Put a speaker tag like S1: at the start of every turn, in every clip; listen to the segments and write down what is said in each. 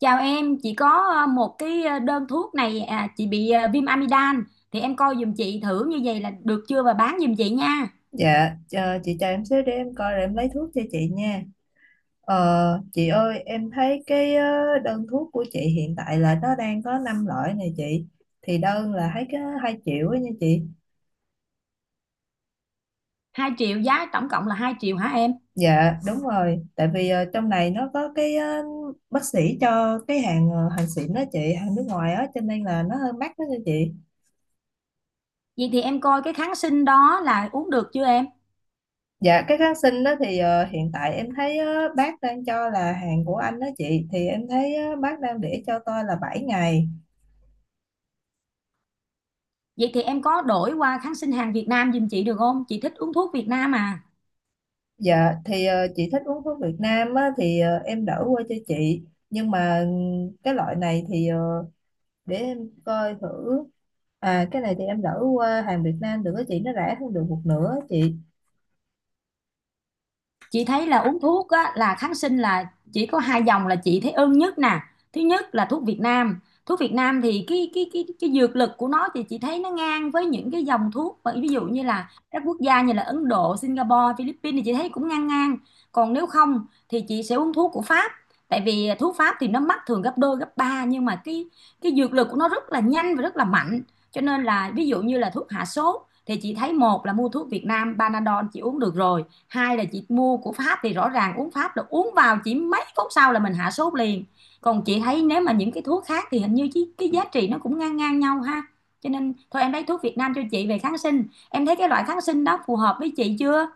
S1: Chào em, chị có một cái đơn thuốc này à, chị bị viêm amidan thì em coi giùm chị thử như vậy là được chưa và bán giùm chị nha.
S2: Dạ, ờ, chị chờ em xíu để em coi rồi em lấy thuốc cho chị nha. Chị ơi, em thấy đơn thuốc của chị hiện tại là nó đang có 5 loại này chị. Thì đơn là thấy cái 2 triệu ấy nha chị.
S1: 2.000.000, giá tổng cộng là 2.000.000 hả em?
S2: Dạ, đúng rồi. Tại vì trong này nó có bác sĩ cho cái hàng xịn đó chị, hàng nước ngoài á, cho nên là nó hơi mắc đó nha chị.
S1: Vậy thì em coi cái kháng sinh đó là uống được chưa em?
S2: Dạ, cái kháng sinh đó thì hiện tại em thấy bác đang cho là hàng của anh đó chị. Thì em thấy bác đang để cho tôi là 7 ngày.
S1: Vậy thì em có đổi qua kháng sinh hàng Việt Nam giùm chị được không? Chị thích uống thuốc Việt Nam à.
S2: Dạ thì chị thích uống thuốc Việt Nam á, thì em đỡ qua cho chị, nhưng mà cái loại này thì để em coi thử. À, cái này thì em đỡ qua hàng Việt Nam được á chị, nó rẻ hơn được một nửa á chị.
S1: Chị thấy là uống thuốc á, là kháng sinh là chỉ có hai dòng là chị thấy ưng nhất nè. Thứ nhất là thuốc Việt Nam, thuốc Việt Nam thì cái dược lực của nó thì chị thấy nó ngang với những cái dòng thuốc, mà ví dụ như là các quốc gia như là Ấn Độ, Singapore, Philippines thì chị thấy cũng ngang ngang. Còn nếu không thì chị sẽ uống thuốc của Pháp, tại vì thuốc Pháp thì nó mắc thường gấp đôi gấp ba, nhưng mà cái dược lực của nó rất là nhanh và rất là mạnh. Cho nên là ví dụ như là thuốc hạ sốt thì chị thấy, một là mua thuốc Việt Nam, Panadol chị uống được rồi; hai là chị mua của Pháp, thì rõ ràng uống Pháp là uống vào chỉ mấy phút sau là mình hạ sốt liền. Còn chị thấy nếu mà những cái thuốc khác thì hình như cái giá trị nó cũng ngang ngang nhau ha. Cho nên thôi em lấy thuốc Việt Nam cho chị về kháng sinh. Em thấy cái loại kháng sinh đó phù hợp với chị chưa?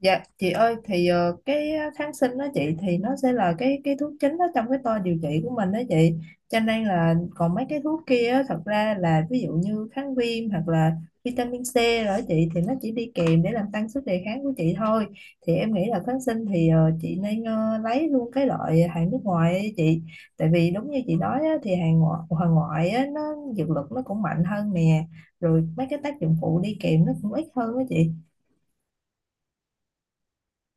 S2: Dạ chị ơi thì kháng sinh đó chị thì nó sẽ là cái thuốc chính đó trong cái toa điều trị của mình đó chị, cho nên là còn mấy cái thuốc kia á, thật ra là ví dụ như kháng viêm hoặc là vitamin C rồi đó chị, thì nó chỉ đi kèm để làm tăng sức đề kháng của chị thôi. Thì em nghĩ là kháng sinh thì chị nên lấy luôn cái loại hàng nước ngoài ấy chị. Tại vì đúng như chị nói á, thì hàng ngoại á, nó dược lực nó cũng mạnh hơn nè, rồi mấy cái tác dụng phụ đi kèm nó cũng ít hơn đó chị.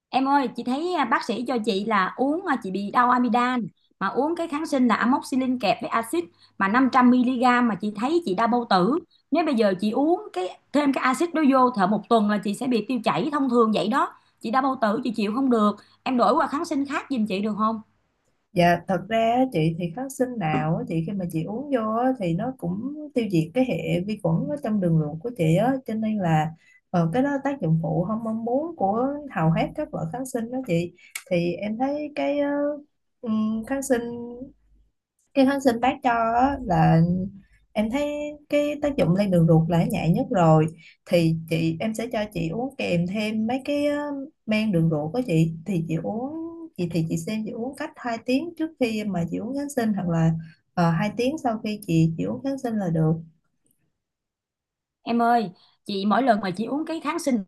S1: Em ơi, chị thấy à, bác sĩ cho chị là uống à, chị bị đau amidan mà uống cái kháng sinh là amoxicillin kẹp với axit, mà 500 mg, mà chị thấy chị đau bao tử. Nếu bây giờ chị uống cái thêm cái axit đó vô thở một tuần là chị sẽ bị tiêu chảy thông thường vậy đó. Chị đau bao tử chị chịu không được. Em đổi qua kháng sinh khác giùm chị được không?
S2: Dạ thật ra á, chị thì kháng sinh nào á, chị khi mà chị uống vô á, thì nó cũng tiêu diệt cái hệ vi khuẩn ở trong đường ruột của chị á, cho nên là cái đó tác dụng phụ không mong muốn của hầu hết các loại kháng sinh đó chị. Thì em thấy ừm, kháng sinh cái kháng sinh bác cho á, là em thấy cái tác dụng lên đường ruột là nhẹ nhất rồi. Thì em sẽ cho chị uống kèm thêm mấy cái men đường ruột của chị, thì chị uống, chị xem chị uống cách 2 tiếng trước khi mà chị uống kháng sinh hoặc là 2 tiếng sau khi chị uống kháng sinh là được.
S1: Em ơi, chị mỗi lần mà chị uống cái kháng sinh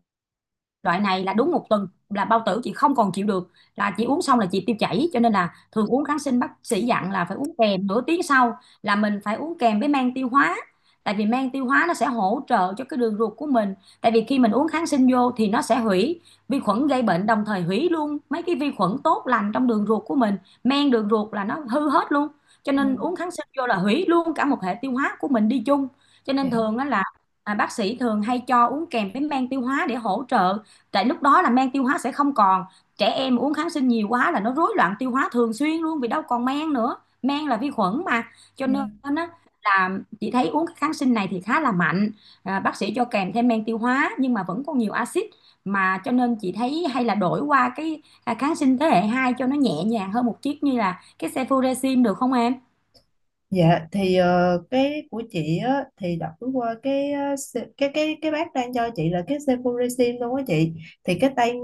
S1: loại này là đúng một tuần là bao tử chị không còn chịu được, là chị uống xong là chị tiêu chảy. Cho nên là thường uống kháng sinh bác sĩ dặn là phải uống kèm nửa tiếng sau là mình phải uống kèm với men tiêu hóa, tại vì men tiêu hóa nó sẽ hỗ trợ cho cái đường ruột của mình. Tại vì khi mình uống kháng sinh vô thì nó sẽ hủy vi khuẩn gây bệnh, đồng thời hủy luôn mấy cái vi khuẩn tốt lành trong đường ruột của mình, men đường ruột là nó hư hết luôn. Cho
S2: Dạ,
S1: nên uống kháng sinh vô là hủy luôn cả một hệ tiêu hóa của mình đi chung. Cho
S2: dạ,
S1: nên thường á là à, bác sĩ thường hay cho uống kèm với men tiêu hóa để hỗ trợ, tại lúc đó là men tiêu hóa sẽ không còn. Trẻ em uống kháng sinh nhiều quá là nó rối loạn tiêu hóa thường xuyên luôn, vì đâu còn men nữa, men là vi khuẩn mà. Cho nên
S2: dạ.
S1: á là chị thấy uống cái kháng sinh này thì khá là mạnh, à, bác sĩ cho kèm thêm men tiêu hóa nhưng mà vẫn còn nhiều axit, mà cho nên chị thấy hay là đổi qua cái à, kháng sinh thế hệ 2 cho nó nhẹ nhàng hơn một chút như là cái cefuroxim được không em?
S2: Dạ thì cái của chị á thì đọc qua cái ờ, se- cái bác đang cho chị là cái cefuroxim luôn á chị. Thì cái tên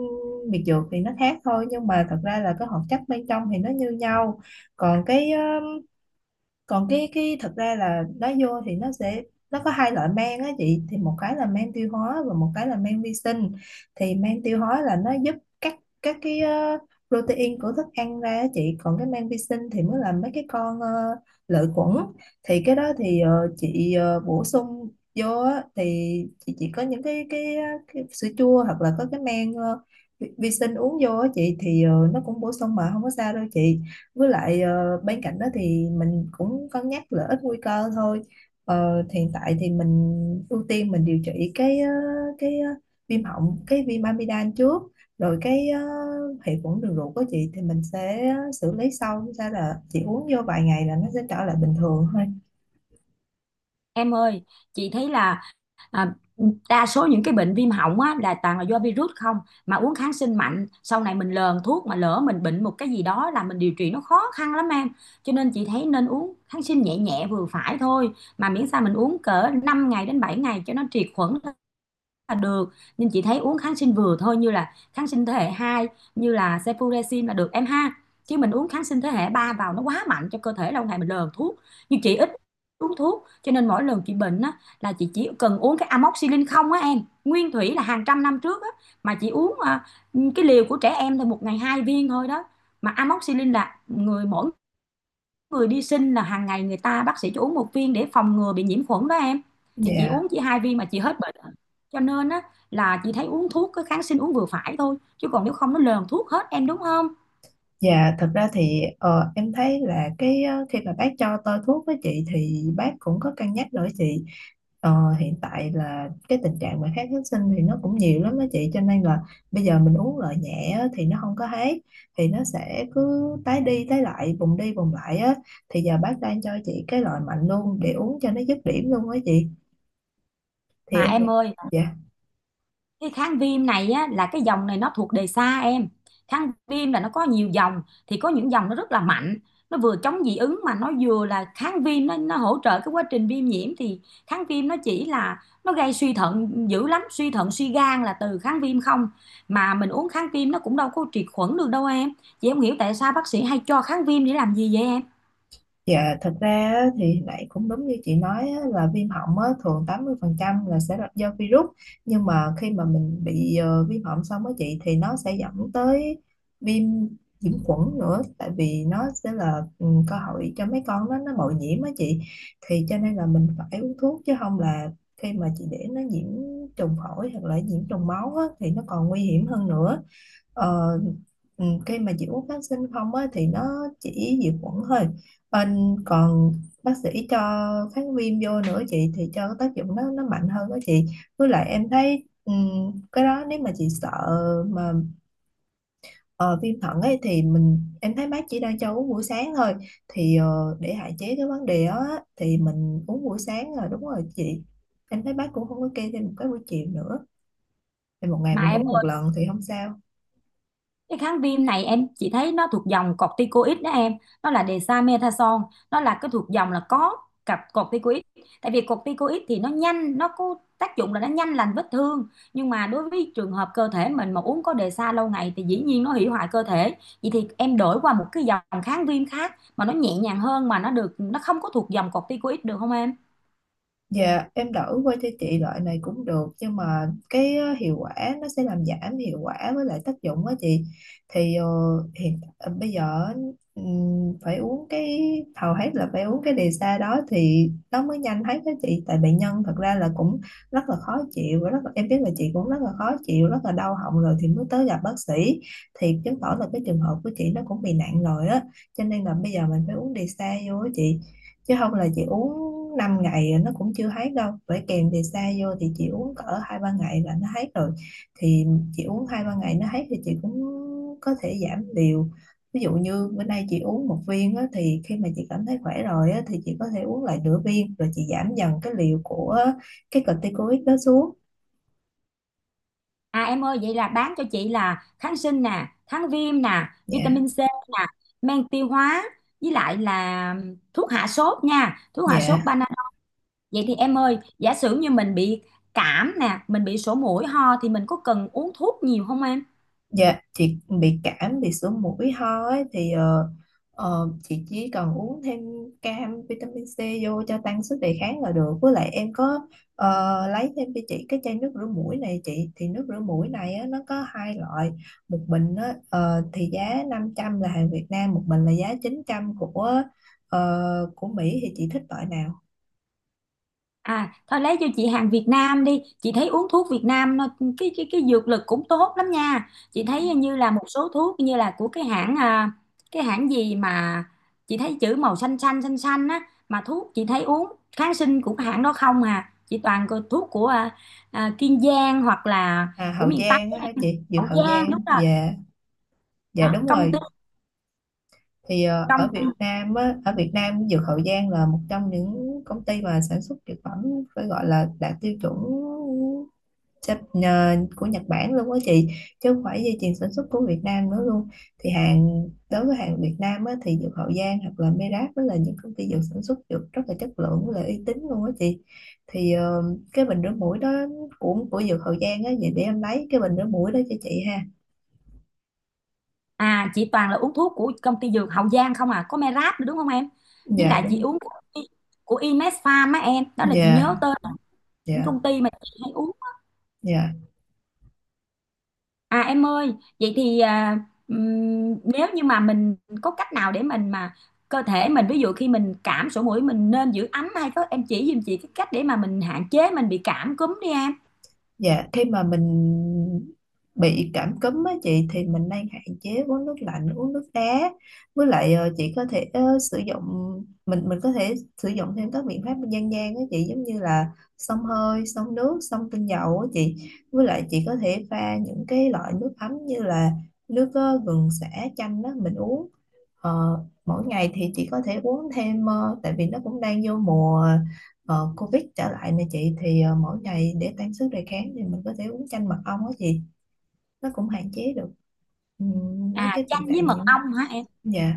S2: biệt dược thì nó khác thôi, nhưng mà thật ra là cái hoạt chất bên trong thì nó như nhau. Còn cái ờ, còn cái cái thật ra là lá vô thì nó sẽ, nó có hai loại men á chị, thì một cái là men tiêu hóa và một cái là men vi sinh. Thì men tiêu hóa là nó giúp cắt các cái protein của thức ăn ra á chị, còn cái men vi sinh thì mới là mấy cái con lợi khuẩn. Thì cái đó thì chị bổ sung vô á, thì chị chỉ có những cái sữa chua hoặc là có cái men ờ, vi vi sinh uống vô á chị, thì nó cũng bổ sung mà không có sao đâu chị. Với lại bên cạnh đó thì mình cũng cân nhắc lợi ích nguy cơ thôi. Hiện tại thì mình ưu tiên mình điều trị cái viêm họng cái viêm amidan trước, rồi cái hệ khuẩn đường ruột của chị thì mình sẽ xử lý sau. Sao là chị uống vô vài ngày là nó sẽ trở lại bình thường thôi.
S1: Em ơi, chị thấy là à, đa số những cái bệnh viêm họng á, là toàn là do virus không, mà uống kháng sinh mạnh sau này mình lờn thuốc, mà lỡ mình bệnh một cái gì đó là mình điều trị nó khó khăn lắm em. Cho nên chị thấy nên uống kháng sinh nhẹ nhẹ vừa phải thôi, mà miễn sao mình uống cỡ 5 ngày đến 7 ngày cho nó triệt khuẩn là được. Nhưng chị thấy uống kháng sinh vừa thôi, như là kháng sinh thế hệ 2 như là cefuroxim là được em ha. Chứ mình uống kháng sinh thế hệ 3 vào nó quá mạnh cho cơ thể, lâu ngày mình lờn thuốc. Nhưng chị ít uống thuốc, cho nên mỗi lần chị bệnh á, là chị chỉ cần uống cái amoxicillin không á em. Nguyên thủy là hàng trăm năm trước á, mà chị uống à, cái liều của trẻ em thôi, một ngày hai viên thôi đó. Mà amoxicillin là người mỗi người đi sinh là hàng ngày người ta bác sĩ cho uống một viên để phòng ngừa bị nhiễm khuẩn đó em. Thì chị
S2: Dạ.
S1: uống chỉ hai viên mà chị hết bệnh. Cho nên á là chị thấy uống thuốc cái kháng sinh uống vừa phải thôi, chứ còn nếu không nó lờn thuốc hết em đúng không?
S2: Dạ, thật ra thì em thấy là khi mà bác cho tôi thuốc với chị thì bác cũng có cân nhắc đổi chị. Ờ, hiện tại là cái tình trạng mà kháng kháng sinh thì nó cũng nhiều lắm đó chị, cho nên là bây giờ mình uống loại nhẹ á, thì nó không có hết, thì nó sẽ cứ tái đi tái lại vùng đi vùng lại á. Thì giờ bác đang cho chị cái loại mạnh luôn để uống cho nó dứt điểm luôn á chị. Thì
S1: Mà
S2: em nghĩ,
S1: em ơi,
S2: dạ.
S1: cái kháng viêm này á, là cái dòng này nó thuộc đề xa em. Kháng viêm là nó có nhiều dòng, thì có những dòng nó rất là mạnh, nó vừa chống dị ứng mà nó vừa là kháng viêm, nó hỗ trợ cái quá trình viêm nhiễm. Thì kháng viêm nó chỉ là nó gây suy thận dữ lắm, suy thận suy gan là từ kháng viêm không, mà mình uống kháng viêm nó cũng đâu có triệt khuẩn được đâu em. Chị không hiểu tại sao bác sĩ hay cho kháng viêm để làm gì vậy em?
S2: Dạ, thật ra á, thì lại cũng đúng như chị nói á, là viêm họng á, thường 80% là sẽ là do virus, nhưng mà khi mà mình bị viêm họng xong á chị thì nó sẽ dẫn tới viêm nhiễm khuẩn nữa, tại vì nó sẽ là ừ, cơ hội cho mấy con nó bội nhiễm á chị. Thì cho nên là mình phải uống thuốc, chứ không là khi mà chị để nó nhiễm trùng phổi hoặc là nhiễm trùng máu á, thì nó còn nguy hiểm hơn nữa. Ờ, cái mà dịch uống kháng sinh không á, thì nó chỉ diệt khuẩn thôi, còn bác sĩ cho kháng viêm vô nữa chị, thì cho cái tác dụng nó mạnh hơn đó chị. Với lại em thấy cái đó nếu mà chị sợ mà ờ, viêm thận ấy thì em thấy bác chỉ đang cho uống buổi sáng thôi. Thì để hạn chế cái vấn đề đó á, thì mình uống buổi sáng là đúng rồi chị. Em thấy bác cũng không có kê thêm một cái buổi chiều nữa, thì một ngày mình
S1: Em
S2: uống một lần thì không sao.
S1: cái kháng viêm này em chỉ thấy nó thuộc dòng corticoid đó em, nó là dexamethasone, nó là cái thuộc dòng là có cặp corticoid. Tại vì corticoid thì nó nhanh, nó có tác dụng là nó nhanh lành vết thương, nhưng mà đối với trường hợp cơ thể mình mà uống có dexa lâu ngày thì dĩ nhiên nó hủy hoại cơ thể. Vậy thì em đổi qua một cái dòng kháng viêm khác mà nó nhẹ nhàng hơn, mà nó được, nó không có thuộc dòng corticoid được không em?
S2: Dạ em đổi qua cho chị loại này cũng được, nhưng mà hiệu quả nó sẽ làm giảm hiệu quả với lại tác dụng á chị. Thì bây giờ phải uống cái hầu hết là phải uống cái đề xa đó thì nó mới nhanh hết đó chị, tại bệnh nhân thật ra là cũng rất là khó chịu và rất là, em biết là chị cũng rất là khó chịu rất là đau họng rồi thì mới tới gặp bác sĩ. Thì chứng tỏ là cái trường hợp của chị nó cũng bị nặng rồi á, cho nên là bây giờ mình phải uống đề xa vô á chị. Chứ không là chị uống 5 ngày nó cũng chưa hết đâu, bởi kèm thì xa vô thì chị uống cỡ hai ba ngày là nó hết rồi. Thì chị uống hai ba ngày nó hết thì chị cũng có thể giảm liều. Ví dụ như bữa nay chị uống một viên á, thì khi mà chị cảm thấy khỏe rồi á, thì chị có thể uống lại nửa viên rồi chị giảm dần cái liều của cái corticoid đó xuống.
S1: À em ơi, vậy là bán cho chị là kháng sinh nè, kháng viêm nè,
S2: Dạ.
S1: vitamin C nè, men tiêu hóa, với lại là thuốc hạ sốt nha, thuốc hạ sốt
S2: Dạ.
S1: Panadol. Vậy thì em ơi, giả sử như mình bị cảm nè, mình bị sổ mũi ho thì mình có cần uống thuốc nhiều không em?
S2: Dạ, chị bị cảm, bị sổ mũi ho ấy, thì chị chỉ cần uống thêm cam vitamin C vô cho tăng sức đề kháng là được. Với lại em có lấy thêm cho chị cái chai nước rửa mũi này chị. Thì nước rửa mũi này á, nó có hai loại. Một bình á, thì giá 500 là hàng Việt Nam, một bình là giá 900 của ờ, của Mỹ, thì chị thích loại nào?
S1: À, thôi lấy cho chị hàng Việt Nam đi. Chị thấy uống thuốc Việt Nam nó- cái dược lực cũng tốt lắm nha. Chị thấy như là một số thuốc như là của cái hãng à, cái hãng gì mà chị thấy chữ màu xanh xanh xanh xanh á, mà thuốc chị thấy uống kháng sinh của cái hãng đó không à. Chị toàn có thuốc của à, à, Kiên Giang hoặc là
S2: À,
S1: của
S2: Hậu
S1: miền Tây,
S2: Giang á
S1: á,
S2: hả chị? Dược
S1: Hậu
S2: Hậu
S1: Giang
S2: Giang.
S1: đúng rồi.
S2: Dạ, dạ
S1: Đó,
S2: đúng
S1: công ty,
S2: rồi. Thì
S1: công.
S2: ở Việt Nam á, ở Việt Nam Dược Hậu Giang là một trong những công ty mà sản xuất dược phẩm phải gọi là đạt tiêu chuẩn của Nhật Bản luôn á chị, chứ không phải dây chuyền sản xuất của Việt Nam nữa luôn. Thì hàng đối với hàng Việt Nam á, thì Dược Hậu Giang hoặc là Merap đó là những công ty dược sản xuất dược rất là chất lượng với lại uy tín luôn á chị. Thì cái bình rửa mũi đó của Dược Hậu Giang á, vậy để em lấy cái bình rửa mũi đó cho chị ha.
S1: À chị toàn là uống thuốc của công ty Dược Hậu Giang không à. Có Merap nữa đúng không em? Với
S2: Dạ
S1: lại chị
S2: đúng.
S1: uống của Imed Farm á em. Đó là chị
S2: Dạ.
S1: nhớ tên những
S2: Dạ.
S1: công ty mà chị hay uống.
S2: Dạ.
S1: À em ơi, vậy thì à, nếu như mà mình có cách nào để mình mà cơ thể mình, ví dụ khi mình cảm sổ mũi, mình nên giữ ấm hay có em chỉ giùm chị cái cách để mà mình hạn chế mình bị cảm cúm đi em.
S2: Dạ, khi mà mình bị cảm cúm á chị thì mình nên hạn chế uống nước lạnh, uống nước đá. Với lại chị có thể sử dụng, mình có thể sử dụng thêm các biện pháp dân gian á chị, giống như là xông hơi, xông nước, xông tinh dầu á chị. Với lại chị có thể pha những cái loại nước ấm như là nước gừng sả chanh đó mình uống. Ờ, Mỗi ngày thì chị có thể uống thêm tại vì nó cũng đang vô mùa Covid trở lại nè chị, thì mỗi ngày để tăng sức đề kháng thì mình có thể uống chanh mật ong á chị, nó cũng hạn chế được mấy
S1: À
S2: cái tình
S1: chanh với
S2: trạng
S1: mật
S2: nhiễm.
S1: ong hả em?
S2: Dạ.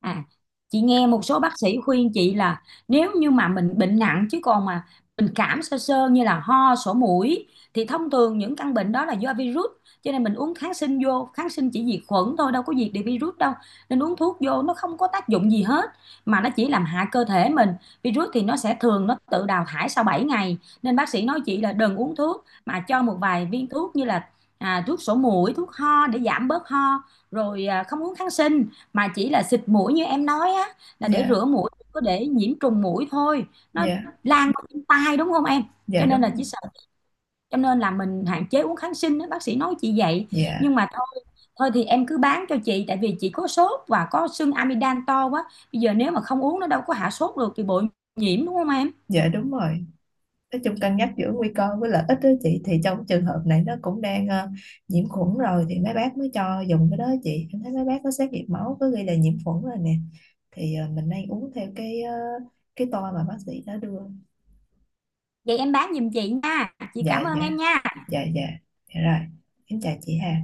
S1: À, chị nghe một số bác sĩ khuyên chị là nếu như mà mình bệnh nặng, chứ còn mà mình cảm sơ sơ như là ho, sổ mũi, thì thông thường những căn bệnh đó là do virus, cho nên mình uống kháng sinh vô, kháng sinh chỉ diệt khuẩn thôi đâu có diệt được virus đâu. Nên uống thuốc vô nó không có tác dụng gì hết, mà nó chỉ làm hại cơ thể mình. Virus thì nó sẽ thường nó tự đào thải sau 7 ngày, nên bác sĩ nói chị là đừng uống thuốc, mà cho một vài viên thuốc như là à, thuốc sổ mũi, thuốc ho để giảm bớt ho, rồi à, không uống kháng sinh, mà chỉ là xịt mũi như em nói á, là để
S2: Dạ.
S1: rửa mũi, có để nhiễm trùng mũi thôi nó
S2: Dạ.
S1: lan qua đến tai đúng không em. Cho
S2: Dạ
S1: nên là
S2: đúng rồi.
S1: chỉ sợ, cho nên là mình hạn chế uống kháng sinh đó, bác sĩ nói chị vậy.
S2: Dạ.
S1: Nhưng mà thôi, thôi thì em cứ bán cho chị, tại vì chị có sốt và có sưng amidan to quá, bây giờ nếu mà không uống nó đâu có hạ sốt được thì bội nhiễm đúng không em.
S2: Dạ đúng rồi. Nói chung cân nhắc giữa nguy cơ với lợi ích đó chị, thì trong trường hợp này nó cũng đang nhiễm khuẩn rồi thì mấy bác mới cho dùng cái đó chị, em thấy mấy bác có xét nghiệm máu có ghi là nhiễm khuẩn rồi nè. Thì mình nên uống theo cái toa mà bác sĩ đã đưa.
S1: Vậy em bán giùm chị nha, chị
S2: Dạ.
S1: cảm
S2: Dạ.
S1: ơn em nha.
S2: Dạ. Dạ. Dạ rồi. Em chào chị Hà.